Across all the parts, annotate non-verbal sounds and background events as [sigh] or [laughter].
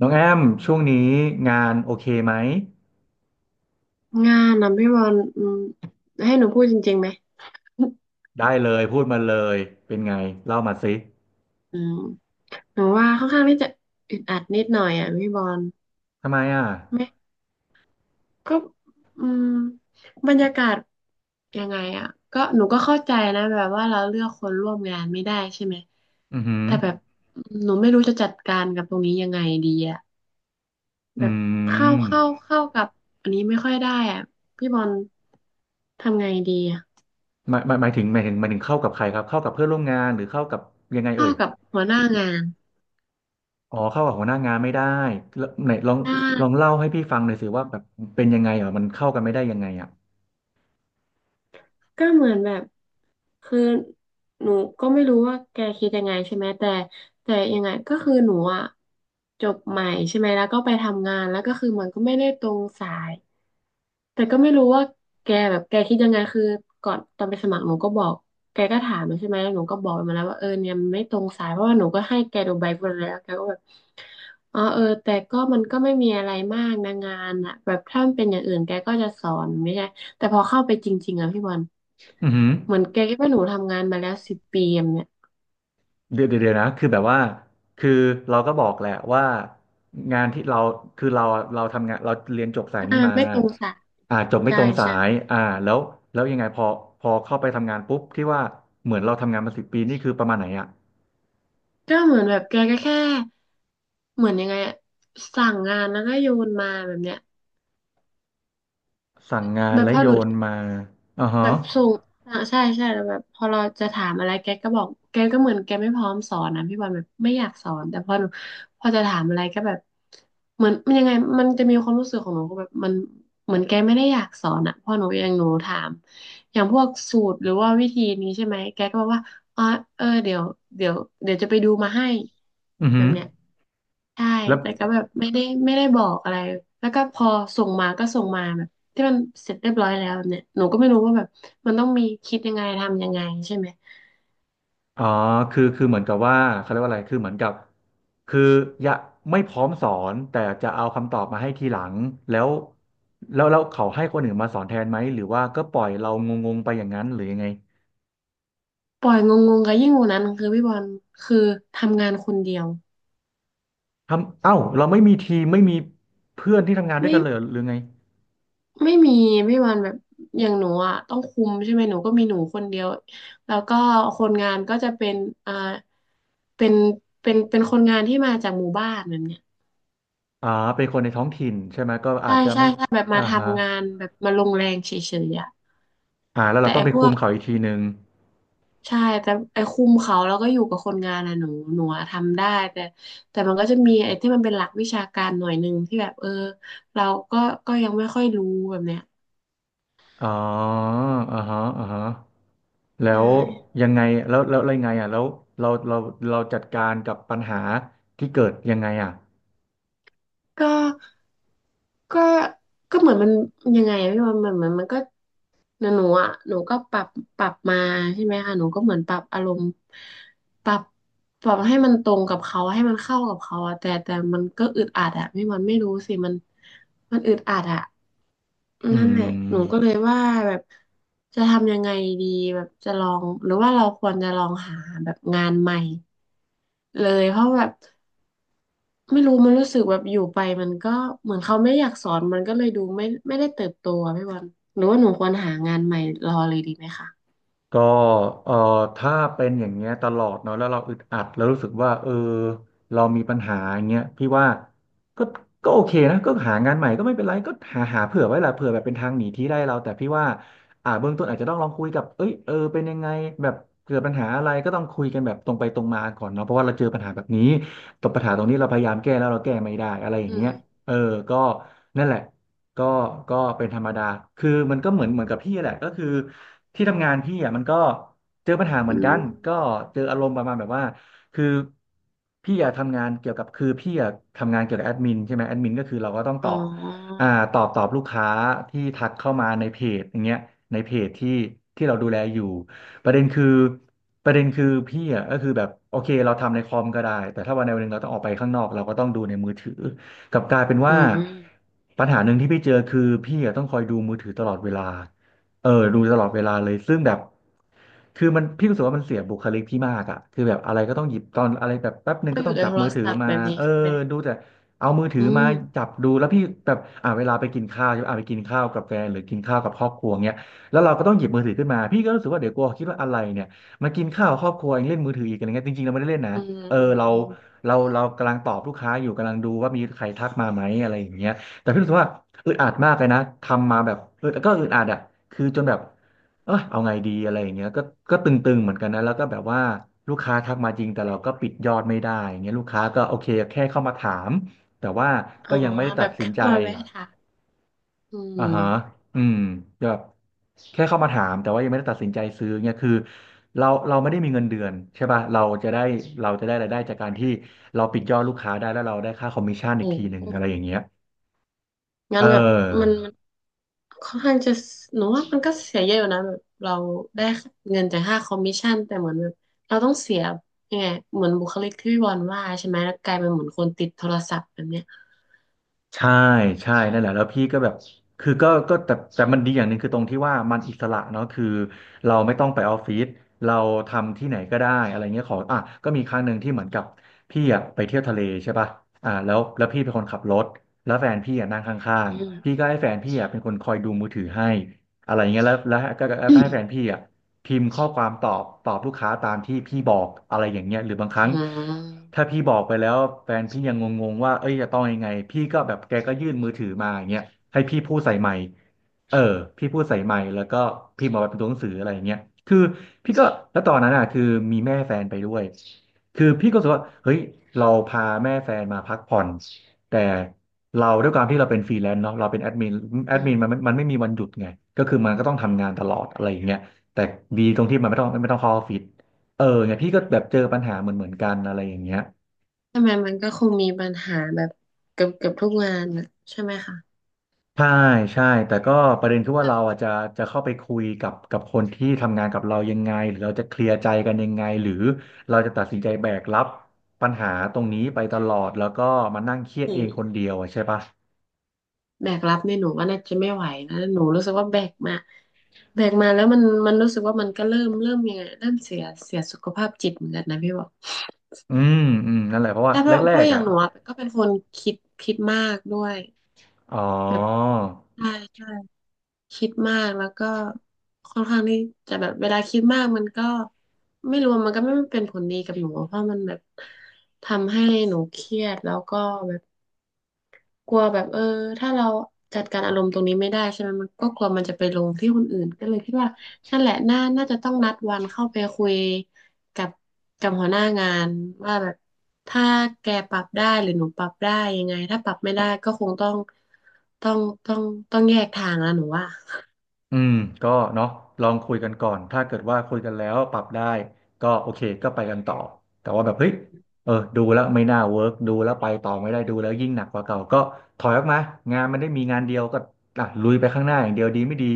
น้องแอมช่วงนี้งานโอเคไหมงานนะพี่บอลให้หนูพูดจริงๆไหม [laughs] ได้เลยพูดมาเลยเป็นไงเล่ามาสิอืมหนูว่าค่อนข้างที่จะอึดอัดนิดหน่อยอ่ะพี่บอลทำไมอ่ะไม่ก็อืมบรรยากาศยังไงอ่ะก็หนูก็เข้าใจนะแบบว่าเราเลือกคนร่วมงานไม่ได้ใช่ไหม อือหือแต่แบบหนูไม่รู้จะจัดการกับตรงนี้ยังไงดีอ่ะแบอืบเข้าเข้ามเข้ากับอันนี้ไม่ค่อยได้อ่ะพี่บอลทำไงดีอ่ะหมายหมายหมายถึงหมายถึงหมายถึงเข้ากับใครครับเข้ากับเพื่อนร่วมงานหรือเข้ากับยังไงเอ่เข้ายกับหัวหน้างานอ๋อเข้ากับหัวหน้างานไม่ได้แล้วไหนลองใลองช่ เล่าให้พี่ฟังหน่อยสิว่าแบบเป็นยังไงอ่ะมันเข้ากันไม่ได้ยังไงอ่ะก็เหมือนแบบคือหนูก็ไม่รู้ว่าแกคิดยังไงใช่ไหมแต่ยังไงก็คือหนูอ่ะจบใหม่ใช่ไหมแล้วก็ไปทำงานแล้วก็คือมันก็ไม่ได้ตรงสาย แต่ก็ไม่รู้ว่าแกแบบแกคิดยังไงคือก่อนตอนไปสมัครหนูก็บอกแกก็ถามมาใช่ไหมหนูก็บอกมาแล้วว่าเออเนี่ยมันไม่ตรงสายเพราะว่าหนูก็ให้แกดูใบบัวแล้วแกก็แบบอ๋อเออแต่ก็มันก็ไม่มีอะไรมากนะงานอ่ะแบบถ้ามันเป็นอย่างอื่นแกก็จะสอนไม่ใช่แต่พอเข้าไปจริงๆอ่ะพี่บอลอือหือ เหมือนแกคิดว่าหนูทำงานมาแล้วสิบปีอะเนี่ยเดี๋ยวเดี๋ยวเดี๋ยวนะคือแบบว่าคือเราก็บอกแหละว่างานที่เราคือเราทำงานเราเรียนจบสายอ่านี้มันมาไม่ตรงสายอ่าจบไม่ใช่ตรงสาใช่ยอ่าแล้วแล้วยังไงพอเข้าไปทำงานปุ๊บที่ว่าเหมือนเราทำงานมา10 ปีนี่คือประมาณไหนอะก็เหมือนแบบแกก็แค่เหมือนยังไงอะสั่งงานแล้วก็โยนมาแบบเนี้ยสั่งงานแบบและพอโยหนู นมาอ่าแบฮะบส่งอ่าใช่ใช่แล้วแบบพอเราจะถามอะไรแกก็บอกแกก็เหมือนแกไม่พร้อมสอนนะพี่บอลแบบไม่อยากสอนแต่พอหนูพอจะถามอะไรก็แบบเหมือนมันยังไงมันจะมีความรู้สึกของหนูก็แบบมันเหมือนแกไม่ได้อยากสอนอ่ะพอหนูอย่างหนูถามอย่างพวกสูตรหรือว่าวิธีนี้ใช่ไหมแกก็บอกว่าอ๋อเออเดี๋ยวเดี๋ยวจะไปดูมาให้อือแบฮึบเนี้ย ใช่ แล้ว แต่ก็แบบไม่ได้บอกอะไร แล้วก็พอส่งมาก็ส่งมาแบบที่มันเสร็จเรียบร้อยแล้วแบบเนี่ยหนูก็ไม่รู้ว่าแบบมันต้องมีคิดยังไงทำยังไงใช่ไหมอ๋อคือเหมือนกับว่าเขาเรียกว่าอะไรคือเหมือนกับคืออย่าไม่พร้อมสอนแต่จะเอาคำตอบมาให้ทีหลังแล้วแล้วเขาให้คนอื่นมาสอนแทนไหมหรือว่าก็ปล่อยเรางงๆไปอย่างนั้นหรือยังไงปล่อยงงๆกัยิ่งกว่านั้นคือพี่บอลคือทำงานคนเดียวเอ้าเราไม่มีทีมไม่มีเพื่อนที่ทำงานด้วยไม่กันเลยหรือไงไม่มีพี่บอลแบบอย่างหนูอ่ะต้องคุมใช่ไหมหนูก็มีหนูคนเดียวแล้วก็คนงานก็จะเป็นอ่าเป็นเป็นคนงานที่มาจากหมู่บ้านแบบเนี้ยอ่าเป็นคนในท้องถิ่นใช่ไหมก็ใช่อาจจะใช่ไม่ใช่แบบอ่ามาฮะทำงานแบบมาลงแรงเฉยๆอ่ะอ่าแล้วเราแต่ต้องไอ้ไปพ คุมเขาอีกทีหนึ่งใช่แต่ไอ้คุมเขาแล้วก็อยู่กับคนงานน่ะหนูอะทำได้แต่แต่มันก็จะมีไอ้ที่มันเป็นหลักวิชาการหน่อยหนึ่งที่แบบเออเราก็ก็ยังไม่ค่อยรู้แบบเนี้ยอ๋ออ่าฮะอ่าฮะ แล้ใชว่ยังไงแล้วแลไรไงอ่ะแล้วเราเราเราจัดการกับปัญหาที่เกิดยังไงอ่ะก็ก็ก็เหมือนมันยังไงอะพี่บอลเหมือนมันก็หนูอ่ะหนูก็ปรับปรับมาใช่ไหมคะหนูก็เหมือนปรับอารมณ์ปรับปรับให้มันตรงกับเขาให้มันเข้ากับเขาอะแต่มันก็อึดอัดอะพี่บอลไม่รู้สิมันมันอึดอัดอะ อืนั่นม แหละหนูก็เลยว่าแบบจะทำยังไงดีแบบจะลองหรือว่าเราควรจะลองหาแบบงานใหม่เลยเพราะแบบไม่รู้มันรู้สึกแบบอยู่ไปมันก็เหมือนเขาไม่อยากสอนมันก็เลยดูไม่ได้เติบโตอะพี่บอลหรือว่าหนูควรหางานใหม่รอเลยดีไหมคะก็เอ่อถ้าเป็นอย่างเงี้ยตลอดเนาะแล้วเราอึดอัดแล้วรู้สึกว่าเออเรามีปัญหาอย่างเงี้ยพี่ว่าก็ก็โอเคนะก็หางานใหม่ก็ไม่เป็นไรก็หาเผื่อไว้หละเผื่อแบบเป็นทางหนีที่ได้เราแต่พี่ว่าเบื้องต้นอาจจะต้องลองคุยกับเอ้ยเออเป็นยังไงแบบเกิดปัญหาอะไรก็ต้องคุยกันแบบตรงไปตรงมาก่อนเนาะเพราะว่าเราเจอปัญหาแบบนี้ตบปัญหาตรงนี้เราพยายามแก้แล้วเราแก้ไม่ได้อะไรอย่าอืงเงี้มยเออก็นั่นแหละ ก็ก็เป็นธรรมดา คือมันก็เหมือนกับพี่แหละก็คือที่ทำงานพี่อ่ะมันก็เจอปัญหาเหอืมือนกัมนก็เจออารมณ์ประมาณแบบว่าคือพี่อ่ะทำงานเกี่ยวกับคือพี่อ่ะทำงานเกี่ยวกับแอดมินใช่ไหมแอดมินก็คือเราก็ต้องอ๋ออ่าตอบลูกค้าที่ทักเข้ามาในเพจอย่างเงี้ยในเพจที่เราดูแลอยู่ ประเด็นคือประเด็นคือพี่อ่ะก็คือแบบโอเคเราทำในคอมก็ได้แต่ถ้าวันใดวันหนึ่งเราต้องออกไปข้างนอกเราก็ต้องดูในมือถือ กลับกลายเป็นอืว่ามปัญหาหนึ่งที่พี่เจอคือพี่อะต้องคอยดูมือถือตลอดเวลาดูตลอดเวลาเลยซึ่งแบบคือมันพี่รู้สึกว่ามันเสียบุคลิกพี่มากอะคือแบบอะไรก็ต้องหยิบตอนอะไรแบบแป๊บหนึ่งก็ก็อต้ยู่องในจับโทรมือถือศัพท์มาแบบนี้เออใช่ไหมดูแต่เอามือถือือมามจับดูแล้วพี่แบบเวลาไปกินข้าวใช่ไหมไปกินข้าวกับแฟนหรือกินข้าวกับครอบครัวเงี้ยแล้วเราก็ต้องหยิบมือถือขึ้นมาพี่ก็รู้สึกว่าเดี๋ยวกลัวคิดว่าอะไรเนี่ยมากินข้าวกับครอบครัวเองเล่นมือถืออีกอะไรเงี้ยจริงๆเราไม่ได้เล่นนะ อืมเอออืมเราอืมเรากำลังตอบลูกค้าอยู่กำลังดูว่ามีใครทักมาไหมอะไรอย่างเงี้ยแต่พี่รู้สึกว่าอึดอัดมากเลยนะทำมาแบบก็อึดอัดอ่ะคือจนแบบเอาไงดีอะไรอย่างเงี้ยก็ตึงๆเหมือนกันนะแล้วก็แบบว่าลูกค้าทักมาจริงแต่เราก็ปิดยอดไม่ได้อย่างเงี้ยลูกค้าก็โอเคแค่เข้ามาถามแต่ว่าอ๋ก็อยังไม่ได้แบตัดบสินเข้าใจ มาแวะถามอืมอ่าฮะอืมแบบแค่เข้ามาถามแต่ว่ายังไม่ได้ตัดสินใจซื้อเนี่ยคือเราไม่ได้มีเงินเดือนใช่ป่ะเราจะได้รายได้จากการที่เราปิดยอดลูกค้าได้แล้วเราได้ค่าคอมมิชชั่นอีโอ้กทีหนึ่โหงอะไรอย่างเงี้ยเองั้อ นแบบมัน ค่อนข้างจะหนูว่ามันก็เสียเยอะอยู่นะแบบเราได้เงินจากค่าคอมมิชชั่นแต่เหมือนแบบเราต้องเสียยังไงเหมือนบุคลิกที่พี่บอลว่าใช่ไหมแล้วกลายเป็นเหมือนคนติดโทรศัพท์แบบเนี้ยใช่ใช่นั่นแหละแล้วพี่ก็แบบคือก็แต่มันดีอย่างหนึ่งคือตรงที่ว่ามันอิสระเนาะคือเราไม่ต้องไปออฟฟิศเราทำที่ไหนก็ได้อะไรเงี้ยขออ่ะก็มีครั้งหนึ่งที่เหมือนกับพี่อ่ะไปเที่ยวทะเลใช่ป่ะแล้วพี่เป็นคนขับรถแล้วแฟนพี่อ่ะนั่งข้าอืงมๆพี่ก็ให้แฟนพี่อ่ะเป็นคนคอยดูมือถือให้อะไรเงี้ยแล้วแล้วแล้วก็แล้วอืก็มให้แฟนพี่อ่ะ พิมพ์ข้อความตอบลูกค้าตามที่พี่บอกอะไรอย่างเงี้ยหรือบางคอืรั้งถ้ามพี่บอกไปแล้วแฟนพี่ยังงงๆว่าเอ้ยจะต้องยังไงพี่ก็แบบแกก็ยื่นมือถือมาอย่างเงี้ยให้พี่พูดใส่ไมค์เออพี่พูดใส่ไมค์แล้วก็พิมพ์ออกมาเป็นตัวหนังสืออะไรอย่างเงี้ยคือพี่ก็แล้วตอนนั้นอ่ะคือมีแม่แฟนไปด้วยคือพี่ก็รู้สึกว่าเฮ้ยเราพาแม่แฟนมาพักผ่อนแต่เราด้วยความที่เราเป็นฟรีแลนซ์เนาะเราเป็นแอดมินแอดมินมันอืมันไม่มีวันหยุดไงก็คือมันก็ต้องทำงานตลอดอะไรอย่างเงี้ย แต่ดีตรงที่มันไม่ต้องเข้าออฟฟิศเออเนี่ยพี่ก็แบบเจอปัญหาเหมือนกันอะไรอย่างเงี้ยมทำไมมันก็คงมีปัญหาแบบเกือบทุกงานนะใช่ไหมคะใช่ใช่แต่ก็ประเด็นคือว่าแบบเราอาจจะจะเข้าไปคุยกับคนที่ทำงานกับเรายังไงหรือเราจะเคลียร์ใจกันยังไงหรือเราจะตัดสินใจแบกรับปัญหาตรงนี้ไปตลอดแล้วก็มานั่งเครียดอืเองคนมเดียวอะใช่ปะแบกรับเนี่ยหนูว่าน่าจะไม่ไหวนะหนูรู้สึกว่าแบกมาแบกมาแล้วมันมันรู้สึกว่ามันก็เริ่มยังไงเริ่มเสียเสียสุขภาพจิตเหมือนกันนะพี่บอล อืมอืมนั่นแหละเพราะว่าใช่เพราะเพแรราะกอๆย่างอ่ะหนูอะก็เป็นคนคิดมากด้วยอ๋อ แบบใช่ใช่คิดมากแล้วก็ค่อนข้างที่จะแบบเวลาคิดมากมันก็ไม่รู้มันก็ไม่เป็นผลดีกับหนูเพราะมันแบบทำให้หนูเครียดแล้วก็แบบ กลัวแบบเออถ้าเราจัดการอารมณ์ตรงนี้ไม่ได้ใช่ไหมมันก็กลัวมันจะไปลงที่คนอื่นก็เลยคิดว่านั่นแหละน่าจะต้องนัดวันเข้าไปคุยกับกับหัวหน้างานว่าแบบถ้าแกปรับได้หรือหนูปรับได้ยังไงถ้าปรับไม่ได้ก็คงต้องต้องต้องต้องแยกทางแล้วหนูว่า อืมก็เนาะลองคุยกันก่อนถ้าเกิดว่าคุยกันแล้วปรับได้ก็โอเคก็ไปกันต่อแต่ว่าแบบเฮ้ยเออดูแล้วไม่น่าเวิร์กดูแล้วไปต่อไม่ได้ดูแล้วยิ่งหนักกว่าเก่าก็ถอยออกมางานมันได้มีงานเดียวก็อ่ะลุยไปข้างหน้าอย่างเดียวดีไม่ดี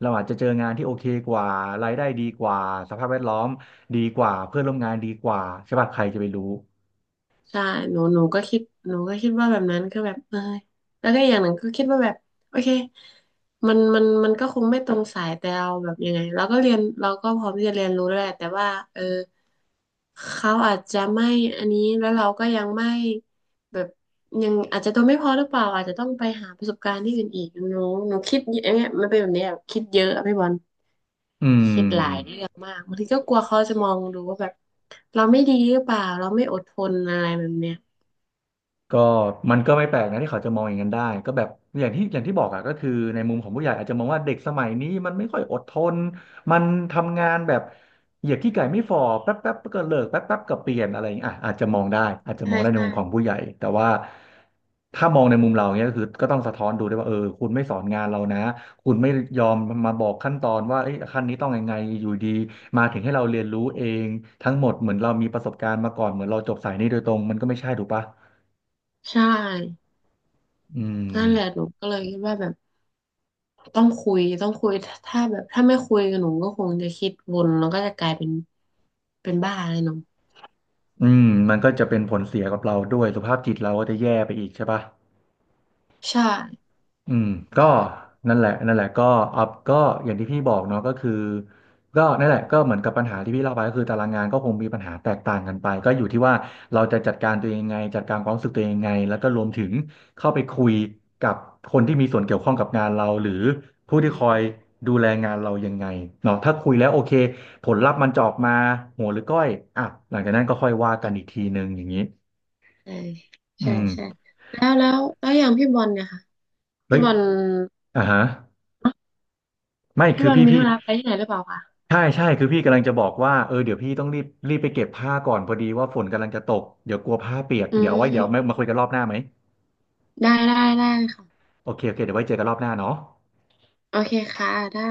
เราอาจจะเจองานที่โอเคกว่ารายได้ดีกว่าสภาพแวดล้อมดีกว่าเพื่อนร่วมงานดีกว่าใช่ป่ะใครจะไปรู้ใช่หนูก็คิดหนูก็คิดว่าแบบนั้นคือแบบเออแล้วก็อย่างหนึ่งก็คิดว่าแบบโอเคมันก็คงไม่ตรงสายแต่เราแบบยังไงเราก็เรียนเราก็พร้อมที่จะเรียนรู้แล้วแหละแต่ว่าเออเขาอาจจะไม่อันนี้แล้วเราก็ยังไม่แบบยังอาจจะตัวไม่พอหรือเปล่าอาจจะต้องไปหาประสบการณ์ที่อื่นอีกหนูคิดเยอะเนี่ยมันเป็นแบบเนี้ยคิดเยอะอะพี่บอลอืคิดหลายเรื่ม องมากบางทีก็กลัวเขาจะมองดูว่าแบบเราไม่ดีหรือเปล่าเราไม่อดทนอะไรแบบเนี้ย ก็มันก็ไม่แปลกนะที่เขาจะมองอย่างนั้นได้ก็แบบอย่างที่บอกอะก็คือในมุมของผู้ใหญ่อาจจะมองว่าเด็กสมัยนี้มันไม่ค่อยอดทนมันทำงานแบบเหยียบขี้ไก่ไม่ฝ่อแป๊บแป๊บก็เลิกแป๊บแป๊บก็เปลี่ยนอะไรอย่างเงี้ยอ่ะอาจจะมองได้อาจจะใช่มองได้ในใช่มุมของผู้ใหญ่แต่ว่าถ้ามองในมุมเราเนี้ยก็คือก็ต้องสะท้อนดูด้วยว่าเออคุณไม่สอนงานเรานะคุณไม่ยอมมาบอกขั้นตอนว่าเอ้ยขั้นนี้ต้องยังไงอยู่ดีมาถึงให้เราเรียนรู้เองทั้งหมดเหมือนเรามีประสบการณ์มาก่อนเหมือนเราจบสายนี้โดยตรงมันก็ไม่ใช่ถูกปะ ใช่อืมนั่นแหละหนูก็เลยคิดว่าแบบต้องคุยถ้าแบบถ้าไม่คุยกับหนูก็คงจะคิดวนแล้วก็จะกลายเป็นเป็นบ้าเลยหนูอืมมันก็จะเป็นผลเสียกับเราด้วยสุขภาพจิตเราก็จะแย่ไปอีกใช่ปะ ใช่อืมก็นั่นแหละก็อัพก็อย่างที่พี่บอกเนาะก็คือก็นั่นแหละก็เหมือนกับปัญหาที่พี่เล่าไปก็คือตารางงานก็คงมีปัญหาแตกต่างกันไปก็อยู่ที่ว่าเราจะจัดการตัวเองยังไงจัดการความรู้สึกตัวเองยังไงแล้วก็รวมถึงเข้าไปคุยกับคนที่มีส่วนเกี่ยวข้องกับงานเราหรือผู้อืที่คอยมดูแลงานเรายังไงเนาะถ้าคุยแล้วโอเคผลลัพธ์มันจะออกมาหัวหรือก้อยอ่ะหลังจากนั้นก็ค่อยว่ากันอีกทีหนึ่งอย่างนี้ใช่อืใช่มใช่แล้วอย่างพี่บอลเนี่ยค่ะเฮ้พี่ยบอลอ่าฮะเนอะไม่พี่คือบอลพี่มีธุพี่ ระไปที่ไหนหรือเปล่าคะใช่ใช่คือพี่กำลังจะบอกว่าเออเดี๋ยวพี่ต้องรีบไปเก็บผ้าก่อนพอดีว่าฝนกำลังจะตกเดี๋ยวกลัวผ้าเปียกอืเดี๋ยวเอาไว้เดี๋ยวมามมาคุยกันรอบหน้าไหมได้ค่ะโอเคโอเคเดี๋ยวไว้เจอกันรอบหน้าเนาะโอเคค่ะได้